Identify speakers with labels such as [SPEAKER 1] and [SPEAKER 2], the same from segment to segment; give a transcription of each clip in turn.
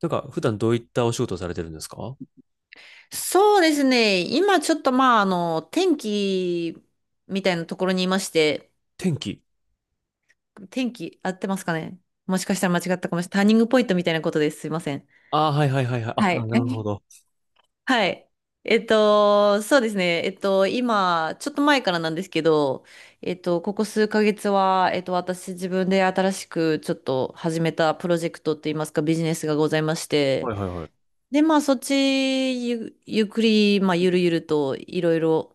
[SPEAKER 1] なんか、普段どういったお仕事をされてるんですか？
[SPEAKER 2] そうですね。今ちょっと天気みたいなところにいまして、
[SPEAKER 1] 天気。
[SPEAKER 2] 天気合ってますかね。もしかしたら間違ったかもしれない。ターニングポイントみたいなことです。すいません。
[SPEAKER 1] ああ、はいはいはいはい。あ、
[SPEAKER 2] は
[SPEAKER 1] あ
[SPEAKER 2] い。
[SPEAKER 1] なるほ ど。
[SPEAKER 2] はい。そうですね。今、ちょっと前からなんですけど、ここ数ヶ月は、私自分で新しくちょっと始めたプロジェクトっていいますか、ビジネスがございまし
[SPEAKER 1] は
[SPEAKER 2] て、
[SPEAKER 1] いはいはい。
[SPEAKER 2] で、まあ、そっちゆ、ゆっくり、まあ、ゆるゆるといろいろ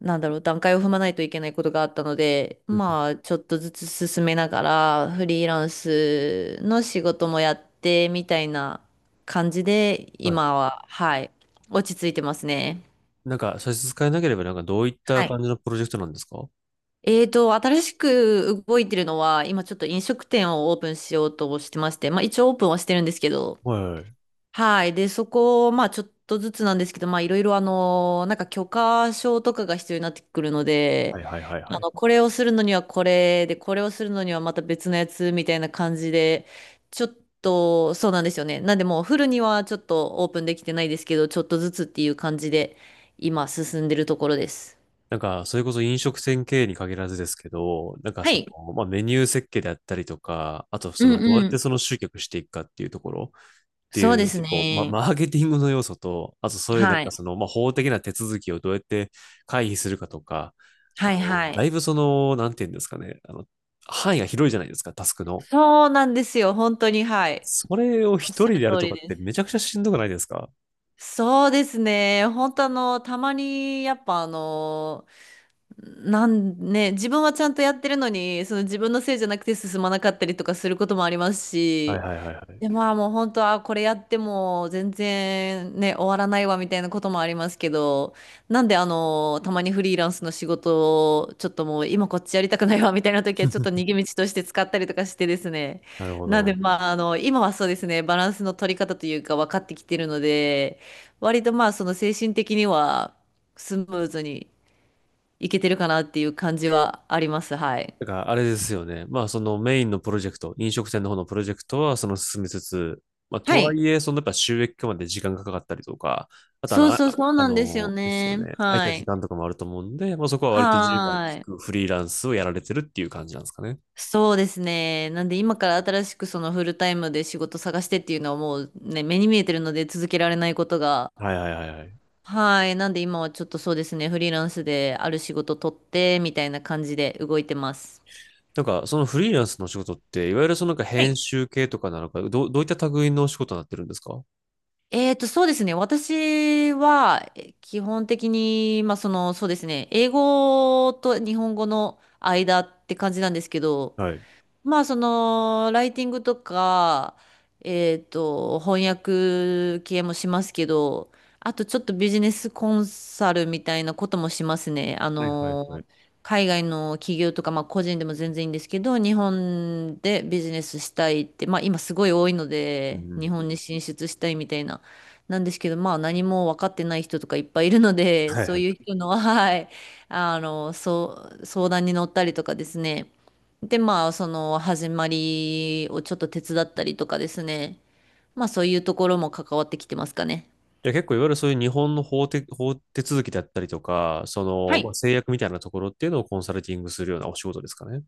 [SPEAKER 2] 段階を踏まないといけないことがあったので、
[SPEAKER 1] うんうん。
[SPEAKER 2] まあ、ちょっとずつ進めながら、フリーランスの仕事もやって、みたいな感じで、
[SPEAKER 1] はい。
[SPEAKER 2] 今は、はい、落ち着いてますね。
[SPEAKER 1] なんか、差し支えなければ、なんか、どういった
[SPEAKER 2] はい。
[SPEAKER 1] 感じのプロジェクトなんですか？
[SPEAKER 2] 新しく動いてるのは、今ちょっと飲食店をオープンしようとしてまして、まあ一応オープンはしてるんですけど、
[SPEAKER 1] は
[SPEAKER 2] はい。で、そこを、まあ、ちょっとずつなんですけど、まあ、いろいろ、なんか許可証とかが必要になってくるので、
[SPEAKER 1] いはいはいはいはいはい。
[SPEAKER 2] これをするのにはこれで、これをするのにはまた別のやつみたいな感じで、ちょっと、そうなんですよね。なんで、もうフルにはちょっとオープンできてないですけど、ちょっとずつっていう感じで、今、進んでるところです。
[SPEAKER 1] なんか、それこそ飲食店経営に限らずですけど、なんか
[SPEAKER 2] は
[SPEAKER 1] そ
[SPEAKER 2] い。
[SPEAKER 1] の、まあ、メニュー設計であったりとか、あとそ
[SPEAKER 2] う
[SPEAKER 1] の、
[SPEAKER 2] ん
[SPEAKER 1] どうやっ
[SPEAKER 2] う
[SPEAKER 1] て
[SPEAKER 2] ん。
[SPEAKER 1] その集客していくかっていうところ、って
[SPEAKER 2] そう
[SPEAKER 1] い
[SPEAKER 2] で
[SPEAKER 1] う、
[SPEAKER 2] す
[SPEAKER 1] こう、
[SPEAKER 2] ね。
[SPEAKER 1] マーケティングの要素と、あとそういうなん
[SPEAKER 2] は
[SPEAKER 1] か
[SPEAKER 2] い。
[SPEAKER 1] その、まあ、法的な手続きをどうやって回避するかとか、あ
[SPEAKER 2] はい
[SPEAKER 1] の、
[SPEAKER 2] は
[SPEAKER 1] だ
[SPEAKER 2] い。
[SPEAKER 1] いぶその、なんていうんですかね、あの、範囲が広いじゃないですか、タスクの。
[SPEAKER 2] そうなんですよ。本当に、はい。
[SPEAKER 1] それを一
[SPEAKER 2] おっし
[SPEAKER 1] 人
[SPEAKER 2] ゃ
[SPEAKER 1] で
[SPEAKER 2] る
[SPEAKER 1] やる
[SPEAKER 2] 通
[SPEAKER 1] と
[SPEAKER 2] り
[SPEAKER 1] かっ
[SPEAKER 2] で
[SPEAKER 1] て
[SPEAKER 2] す。
[SPEAKER 1] めちゃくちゃしんどくないですか？
[SPEAKER 2] そうですね。本当たまに、やっぱあの、なんね、自分はちゃんとやってるのに、その自分のせいじゃなくて進まなかったりとかすることもあります
[SPEAKER 1] はい
[SPEAKER 2] し、
[SPEAKER 1] はいはいは
[SPEAKER 2] で、
[SPEAKER 1] い。
[SPEAKER 2] まあもう本当はこれやっても全然ね、終わらないわみたいなこともありますけど、なんであの、たまにフリーランスの仕事をちょっともう今こっちやりたくないわみたいな時はちょっと逃 げ道として使ったりとかしてですね。
[SPEAKER 1] なるほ
[SPEAKER 2] なんで
[SPEAKER 1] ど。
[SPEAKER 2] まああの、今はそうですね、バランスの取り方というか分かってきてるので、割とまあその精神的にはスムーズにいけてるかなっていう感じはあります。はい。
[SPEAKER 1] だからあれですよね。まあそのメインのプロジェクト、飲食店の方のプロジェクトはその進めつつ、まあ
[SPEAKER 2] は
[SPEAKER 1] とは
[SPEAKER 2] い。
[SPEAKER 1] いえ、そのやっぱ収益化まで時間がかかったりとか、あとあ
[SPEAKER 2] そ
[SPEAKER 1] の、
[SPEAKER 2] うそう
[SPEAKER 1] あ、
[SPEAKER 2] そう
[SPEAKER 1] あ
[SPEAKER 2] なんですよ
[SPEAKER 1] のですよ
[SPEAKER 2] ね。
[SPEAKER 1] ね。空いた
[SPEAKER 2] は
[SPEAKER 1] 時
[SPEAKER 2] い。
[SPEAKER 1] 間とかもあると思うんで、まあそこは割と自由が利
[SPEAKER 2] はい。
[SPEAKER 1] くフリーランスをやられてるっていう感じなんですかね。
[SPEAKER 2] そうですね。なんで今から新しくそのフルタイムで仕事探してっていうのはもうね、目に見えてるので続けられないことが。
[SPEAKER 1] はいはいはいはい。
[SPEAKER 2] はい。なんで今はちょっとそうですね、フリーランスである仕事取ってみたいな感じで動いてます。
[SPEAKER 1] なんかそのフリーランスのお仕事って、いわゆるそのなんか
[SPEAKER 2] は
[SPEAKER 1] 編
[SPEAKER 2] い。
[SPEAKER 1] 集系とかなのか、どういった類のお仕事になってるんですか？
[SPEAKER 2] そうですね。私は、基本的に、まあ、その、そうですね。英語と日本語の間って感じなんですけど、
[SPEAKER 1] はい。
[SPEAKER 2] まあそのライティングとか、翻訳系もしますけど、あとちょっとビジネスコンサルみたいなこともしますね。
[SPEAKER 1] はいはいはい。
[SPEAKER 2] 海外の企業とか、まあ、個人でも全然いいんですけど、日本でビジネスしたいって、まあ、今すごい多いの
[SPEAKER 1] う
[SPEAKER 2] で、
[SPEAKER 1] んう
[SPEAKER 2] 日
[SPEAKER 1] ん。
[SPEAKER 2] 本に進出したいみたいな、なんですけど、まあ、何も分かってない人とかいっぱいいるので、
[SPEAKER 1] はい
[SPEAKER 2] そ
[SPEAKER 1] は
[SPEAKER 2] う
[SPEAKER 1] い。
[SPEAKER 2] いう人の、はい、そう、相談に乗ったりとかですね。で、まあ、その始まりをちょっと手伝ったりとかですね。まあ、そういうところも関わってきてますかね。
[SPEAKER 1] じゃあ結構いわゆるそういう日本の法手続きだったりとか、そ
[SPEAKER 2] は
[SPEAKER 1] の、まあ、
[SPEAKER 2] い。
[SPEAKER 1] 制約みたいなところっていうのをコンサルティングするようなお仕事ですかね。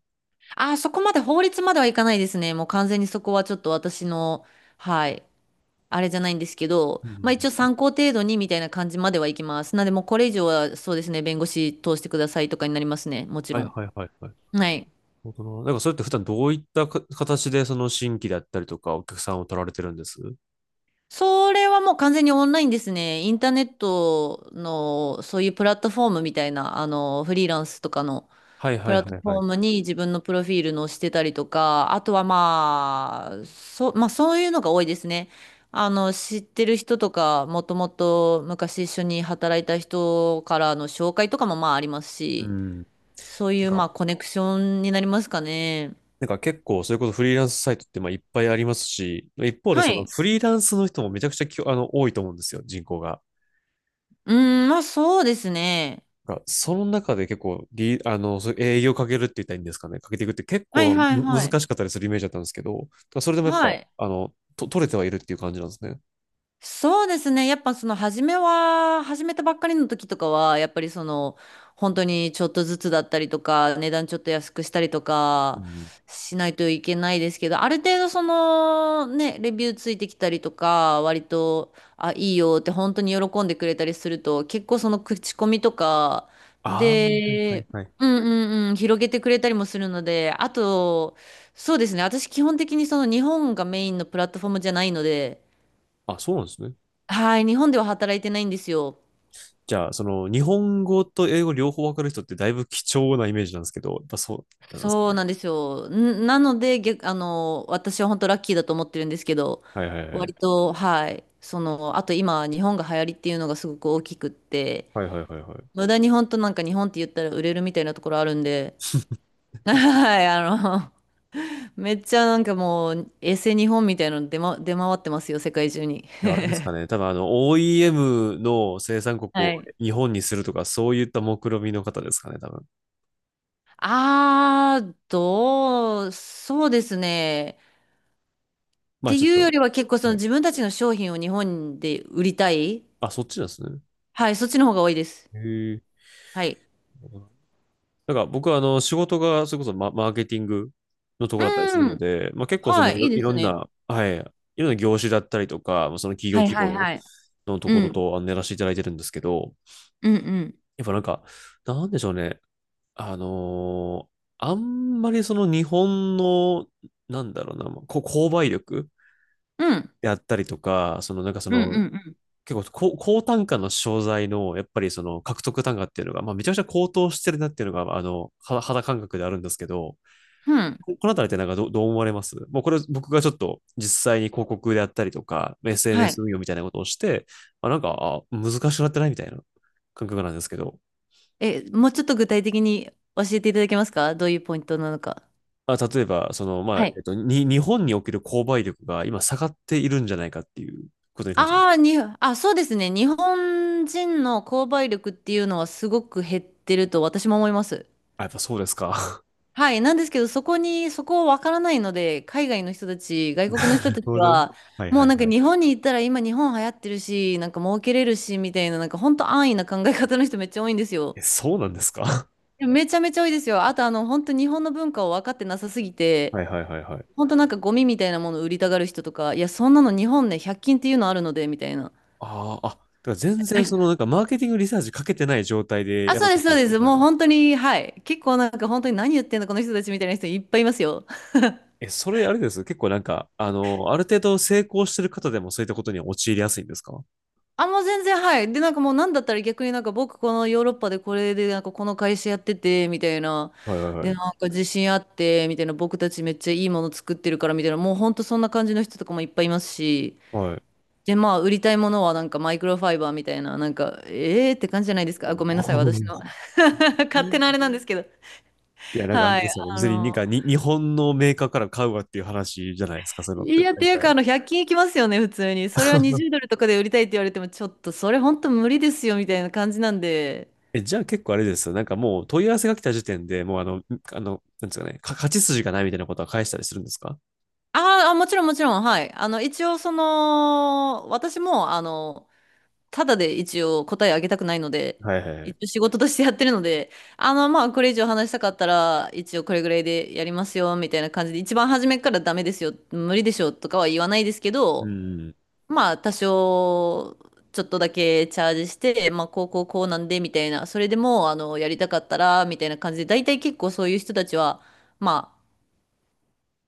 [SPEAKER 2] あー、そこまで法律まではいかないですね。もう完全にそこはちょっと私の、はい、あれじゃないんですけど、
[SPEAKER 1] うんう
[SPEAKER 2] まあ
[SPEAKER 1] ん
[SPEAKER 2] 一応
[SPEAKER 1] うん。
[SPEAKER 2] 参考程度にみたいな感じまではいきます。なんで、もうこれ以上はそうですね、弁護士通してくださいとかになりますね。もち
[SPEAKER 1] は
[SPEAKER 2] ろ
[SPEAKER 1] い
[SPEAKER 2] ん。
[SPEAKER 1] はいはいはい。
[SPEAKER 2] はい。
[SPEAKER 1] なるほどな。なんかそれって普段どういったか形でその新規だったりとかお客さんを取られてるんです？
[SPEAKER 2] それはもう完全にオンラインですね。インターネットのそういうプラットフォームみたいな、フリーランスとかの、
[SPEAKER 1] はい
[SPEAKER 2] プ
[SPEAKER 1] はい
[SPEAKER 2] ラ
[SPEAKER 1] は
[SPEAKER 2] ット
[SPEAKER 1] いは
[SPEAKER 2] フォー
[SPEAKER 1] い。
[SPEAKER 2] ムに自分のプロフィールのしてたりとか、あとはまあ、まあそういうのが多いですね。知ってる人とか、もともと昔一緒に働いた人からの紹介とかもまああります
[SPEAKER 1] う
[SPEAKER 2] し、
[SPEAKER 1] ん。な
[SPEAKER 2] そうい
[SPEAKER 1] ん
[SPEAKER 2] うま
[SPEAKER 1] か、
[SPEAKER 2] あコネクションになりますかね。
[SPEAKER 1] なんか結構それこそフリーランスサイトってまあいっぱいありますし、一方で
[SPEAKER 2] は
[SPEAKER 1] その
[SPEAKER 2] い。
[SPEAKER 1] フリーランスの人もめちゃくちゃあの多いと思うんですよ、人口が。
[SPEAKER 2] うーん、まあそうですね。
[SPEAKER 1] が、その中で結構リ、あの、そう営業かけるって言ったらいいんですかね、かけていくって結
[SPEAKER 2] はい
[SPEAKER 1] 構
[SPEAKER 2] はい
[SPEAKER 1] む
[SPEAKER 2] は
[SPEAKER 1] 難
[SPEAKER 2] い。
[SPEAKER 1] しかったりするイメージだったんですけど、だからそれでもやっ
[SPEAKER 2] は
[SPEAKER 1] ぱ、
[SPEAKER 2] い。
[SPEAKER 1] あの、取れてはいるっていう感じなんですね。
[SPEAKER 2] そうですね。やっぱその初めは、始めたばっかりの時とかは、やっぱりその、本当にちょっとずつだったりとか、値段ちょっと安くしたりと
[SPEAKER 1] う
[SPEAKER 2] か、
[SPEAKER 1] ん。
[SPEAKER 2] しないといけないですけど、ある程度その、ね、レビューついてきたりとか、割と、あ、いいよって本当に喜んでくれたりすると、結構その口コミとか
[SPEAKER 1] ああ、はいはい
[SPEAKER 2] で、
[SPEAKER 1] はい。
[SPEAKER 2] うんうんうん、広げてくれたりもするので、あと、そうですね。私基本的にその日本がメインのプラットフォームじゃないので、
[SPEAKER 1] あ、そうなんですね。
[SPEAKER 2] はい、日本では働いてないんですよ。
[SPEAKER 1] じゃあ、その、日本語と英語両方わかる人ってだいぶ貴重なイメージなんですけど、やっぱそうなんですか
[SPEAKER 2] そう
[SPEAKER 1] ね。
[SPEAKER 2] なんですよ。んなので、逆、あの、私は本当ラッキーだと思ってるんですけど、
[SPEAKER 1] はいはいは
[SPEAKER 2] 割
[SPEAKER 1] い。
[SPEAKER 2] と、はい、その、あと今、日本が流行りっていうのがすごく大きくって、
[SPEAKER 1] はいはいはいはい。
[SPEAKER 2] 無駄に本当なんか日本って言ったら売れるみたいなところあるんで、はい、めっちゃなんかもう、エセ日本みたいなの出回ってますよ、世界中に。
[SPEAKER 1] いや、あれですかね。多分あの、OEM の生産国を
[SPEAKER 2] はい。
[SPEAKER 1] 日本にするとか、そういった目論見みの方ですかね、多分。
[SPEAKER 2] そうですね。
[SPEAKER 1] まあ
[SPEAKER 2] て
[SPEAKER 1] ちょっ
[SPEAKER 2] いうよ
[SPEAKER 1] と。
[SPEAKER 2] りは結構その
[SPEAKER 1] はい。
[SPEAKER 2] 自分たちの商品を日本で売りたい。
[SPEAKER 1] あ、そっちなんですね。
[SPEAKER 2] はい、そっちの方が多いです。
[SPEAKER 1] へえ。
[SPEAKER 2] はい。
[SPEAKER 1] なんか僕はあの仕事がそれこそマーケティングのところだったりする
[SPEAKER 2] う
[SPEAKER 1] の
[SPEAKER 2] ん。
[SPEAKER 1] で、まあ、結構そ
[SPEAKER 2] は
[SPEAKER 1] の
[SPEAKER 2] い、いいで
[SPEAKER 1] い
[SPEAKER 2] す
[SPEAKER 1] ろん
[SPEAKER 2] ね。
[SPEAKER 1] な、はい、いろんな業種だったりとか、まあその企業
[SPEAKER 2] はい
[SPEAKER 1] 規模
[SPEAKER 2] はい
[SPEAKER 1] の、
[SPEAKER 2] はい。
[SPEAKER 1] のと
[SPEAKER 2] う
[SPEAKER 1] ころ
[SPEAKER 2] ん。
[SPEAKER 1] とあのやらせていただいてるんですけど、
[SPEAKER 2] うんうん。
[SPEAKER 1] やっぱなんか、なんでしょうね。あのーあんまりその日本の、なんだろうな、まあ購買力
[SPEAKER 2] うん。
[SPEAKER 1] であったりとか、そのなんかそ
[SPEAKER 2] うんう
[SPEAKER 1] の
[SPEAKER 2] ん
[SPEAKER 1] 結構高、高単価の商材の、やっぱりその獲得単価っていうのが、まあめちゃくちゃ高騰してるなっていうのが、あの、肌感覚であるんですけど、
[SPEAKER 2] うん。うん。
[SPEAKER 1] ここのあたりってなんかどう思われます？もうこれ僕がちょっと実際に広告であったりとか、
[SPEAKER 2] はい。
[SPEAKER 1] SNS 運用みたいなことをして、まあ、なんか、難しくなってないみたいな感覚なんですけど、
[SPEAKER 2] え、もうちょっと具体的に教えていただけますか。どういうポイントなのか。
[SPEAKER 1] あ、例えば、その、ま
[SPEAKER 2] は
[SPEAKER 1] あ、
[SPEAKER 2] い。
[SPEAKER 1] 日本における購買力が今下がっているんじゃないかっていうことに関して。
[SPEAKER 2] ああ、に、あ、そうですね。日本人の購買力っていうのはすごく減ってると私も思います。
[SPEAKER 1] あ、やっぱそうですか。
[SPEAKER 2] はい。なんですけど、そこに、そこわからないので、海外の人たち、外国の 人
[SPEAKER 1] なる
[SPEAKER 2] たち
[SPEAKER 1] ほど。
[SPEAKER 2] は、
[SPEAKER 1] はい
[SPEAKER 2] も
[SPEAKER 1] は
[SPEAKER 2] う
[SPEAKER 1] い
[SPEAKER 2] なんか
[SPEAKER 1] は
[SPEAKER 2] 日
[SPEAKER 1] い。
[SPEAKER 2] 本に行ったら今日本流行ってるし、なんか儲けれるし、みたいな、なんか本当安易な考え方の人めっちゃ多いんですよ。
[SPEAKER 1] え、そうなんですか？
[SPEAKER 2] でもめちゃめちゃ多いですよ。あとあの、本当日本の文化を分かってなさすぎ
[SPEAKER 1] は
[SPEAKER 2] て、
[SPEAKER 1] いはいはいはい。
[SPEAKER 2] 本当なんかゴミみたいなものを売りたがる人とか、いや、そんなの日本ね、100均っていうのあるので、みたいな。
[SPEAKER 1] ああ、だから全然そのなんかマーケティングリサーチかけてない状態で
[SPEAKER 2] あ、
[SPEAKER 1] や
[SPEAKER 2] そ
[SPEAKER 1] ろ
[SPEAKER 2] う
[SPEAKER 1] う
[SPEAKER 2] で
[SPEAKER 1] と
[SPEAKER 2] す、
[SPEAKER 1] して
[SPEAKER 2] そ
[SPEAKER 1] る
[SPEAKER 2] う
[SPEAKER 1] んで
[SPEAKER 2] で
[SPEAKER 1] すね、
[SPEAKER 2] す。
[SPEAKER 1] 彼
[SPEAKER 2] もう
[SPEAKER 1] ら。
[SPEAKER 2] 本当に、はい。結構なんか本当に何言ってんだこの人たちみたいな人いっぱいいますよ。
[SPEAKER 1] え、それあれです？結構なんか、あの、ある程度成功してる方でもそういったことには陥りやすいんですか？は
[SPEAKER 2] あ、もう全然、はい。で、なんかもうなんだったら逆になんか僕このヨーロッパでこれでなんかこの会社やってて、みたいな。
[SPEAKER 1] いはいは
[SPEAKER 2] で、なん
[SPEAKER 1] い。
[SPEAKER 2] か自信あって、みたいな。僕たちめっちゃいいもの作ってるから、みたいな。もうほんとそんな感じの人とかもいっぱいいますし。
[SPEAKER 1] はい。
[SPEAKER 2] で、まあ、売りたいものはなんかマイクロファイバーみたいな、なんか、えーって感じじゃないですか。あご めんなさい、私の
[SPEAKER 1] お
[SPEAKER 2] 勝手なあ
[SPEAKER 1] ー。
[SPEAKER 2] れなんですけど。
[SPEAKER 1] いや、なんかあれ
[SPEAKER 2] は
[SPEAKER 1] で
[SPEAKER 2] い。
[SPEAKER 1] すよね。
[SPEAKER 2] あ
[SPEAKER 1] 別に、
[SPEAKER 2] の、
[SPEAKER 1] 日本のメーカーから買うわっていう話じゃないですか、そういうのっ
[SPEAKER 2] い
[SPEAKER 1] て。
[SPEAKER 2] や、っ
[SPEAKER 1] 大
[SPEAKER 2] ていうか、あ
[SPEAKER 1] 体。
[SPEAKER 2] の、100均いきますよね、普通に。それは 20ドルとかで売りたいって言われても、ちょっとそれほんと無理ですよ、みたいな感じなんで。
[SPEAKER 1] え、じゃあ結構あれですよ。なんかもう問い合わせが来た時点でもうあの、あの、なんですかね、勝ち筋がないみたいなことは返したりするんですか？
[SPEAKER 2] あーあ、もちろんもちろん、はい。一応その、私も、ただで一応答えあげたくないので、
[SPEAKER 1] はいはいは
[SPEAKER 2] 一
[SPEAKER 1] い。
[SPEAKER 2] 応仕事としてやってるので、まあ、これ以上話したかったら、一応これぐらいでやりますよ、みたいな感じで、一番初めからダメですよ、無理でしょ、とかは言わないですけ
[SPEAKER 1] う
[SPEAKER 2] ど、
[SPEAKER 1] ん。
[SPEAKER 2] まあ、多少、ちょっとだけチャージして、まあ、こうこうこうなんで、みたいな、それでも、やりたかったら、みたいな感じで、大体結構そういう人たちは、まあ、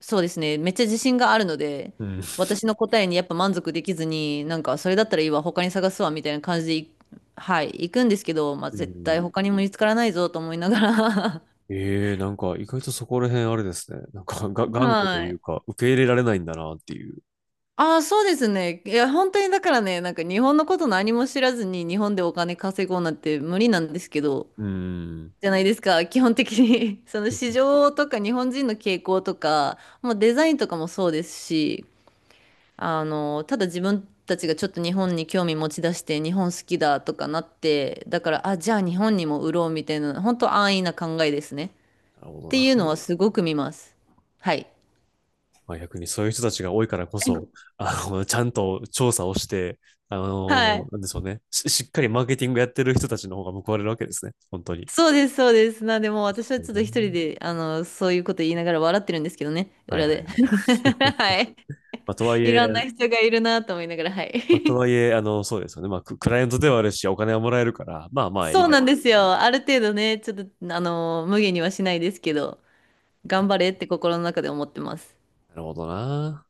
[SPEAKER 2] そうですね。めっちゃ自信があるので、
[SPEAKER 1] うん。
[SPEAKER 2] 私の答えにやっぱ満足できずに、なんかそれだったらいいわ、他に探すわ、みたいな感じではい、行くんですけど、まあ
[SPEAKER 1] う
[SPEAKER 2] 絶対
[SPEAKER 1] ん。
[SPEAKER 2] 他にも見つからないぞと思いながら。
[SPEAKER 1] ええ、なんか意外とそこら辺あれですね。なんかが 頑固と
[SPEAKER 2] は
[SPEAKER 1] いう
[SPEAKER 2] い。
[SPEAKER 1] か、受け入れられないんだなっていう。
[SPEAKER 2] ああ、そうですね。いや、本当にだからね、なんか日本のこと何も知らずに日本でお金稼ごうなんて無理なんですけど、
[SPEAKER 1] うーん。
[SPEAKER 2] じゃないですか、基本的に。 その市場とか日本人の傾向とか、もうデザインとかもそうですし、ただ自分たちがちょっと日本に興味持ち出して、日本好きだとかなって、だから、あ、じゃあ日本にも売ろうみたいな、本当安易な考えですね。
[SPEAKER 1] なるほ
[SPEAKER 2] っ
[SPEAKER 1] ど
[SPEAKER 2] て
[SPEAKER 1] な。
[SPEAKER 2] いうのはすごく見ます。はい。
[SPEAKER 1] まあ逆にそういう人たちが多いからこそ、あの、ちゃんと調査をして、あ
[SPEAKER 2] は
[SPEAKER 1] の、
[SPEAKER 2] い。
[SPEAKER 1] なんでしょうね。しっかりマーケティングやってる人たちの方が報われるわけですね。本当に。
[SPEAKER 2] そうです、そうです。なんで、もう私は
[SPEAKER 1] はい
[SPEAKER 2] ちょっと
[SPEAKER 1] な。
[SPEAKER 2] 一人で、そういうこと言いながら笑ってるんですけどね、
[SPEAKER 1] はい
[SPEAKER 2] 裏
[SPEAKER 1] はいはい。
[SPEAKER 2] で。
[SPEAKER 1] ま
[SPEAKER 2] はい。
[SPEAKER 1] あとはい
[SPEAKER 2] い
[SPEAKER 1] え、
[SPEAKER 2] ろんな人がいるなと思いながら、はい。
[SPEAKER 1] まあと はいえ、あの、そうですよね。まあクライアントではあるし、お金はもらえるから、まあまあい
[SPEAKER 2] そ
[SPEAKER 1] い
[SPEAKER 2] う
[SPEAKER 1] や
[SPEAKER 2] なん
[SPEAKER 1] ろ
[SPEAKER 2] です
[SPEAKER 1] うっていう。
[SPEAKER 2] よ。ある程度ね、ちょっと、無限にはしないですけど、頑張れって心の中で思ってます。
[SPEAKER 1] なるほどな。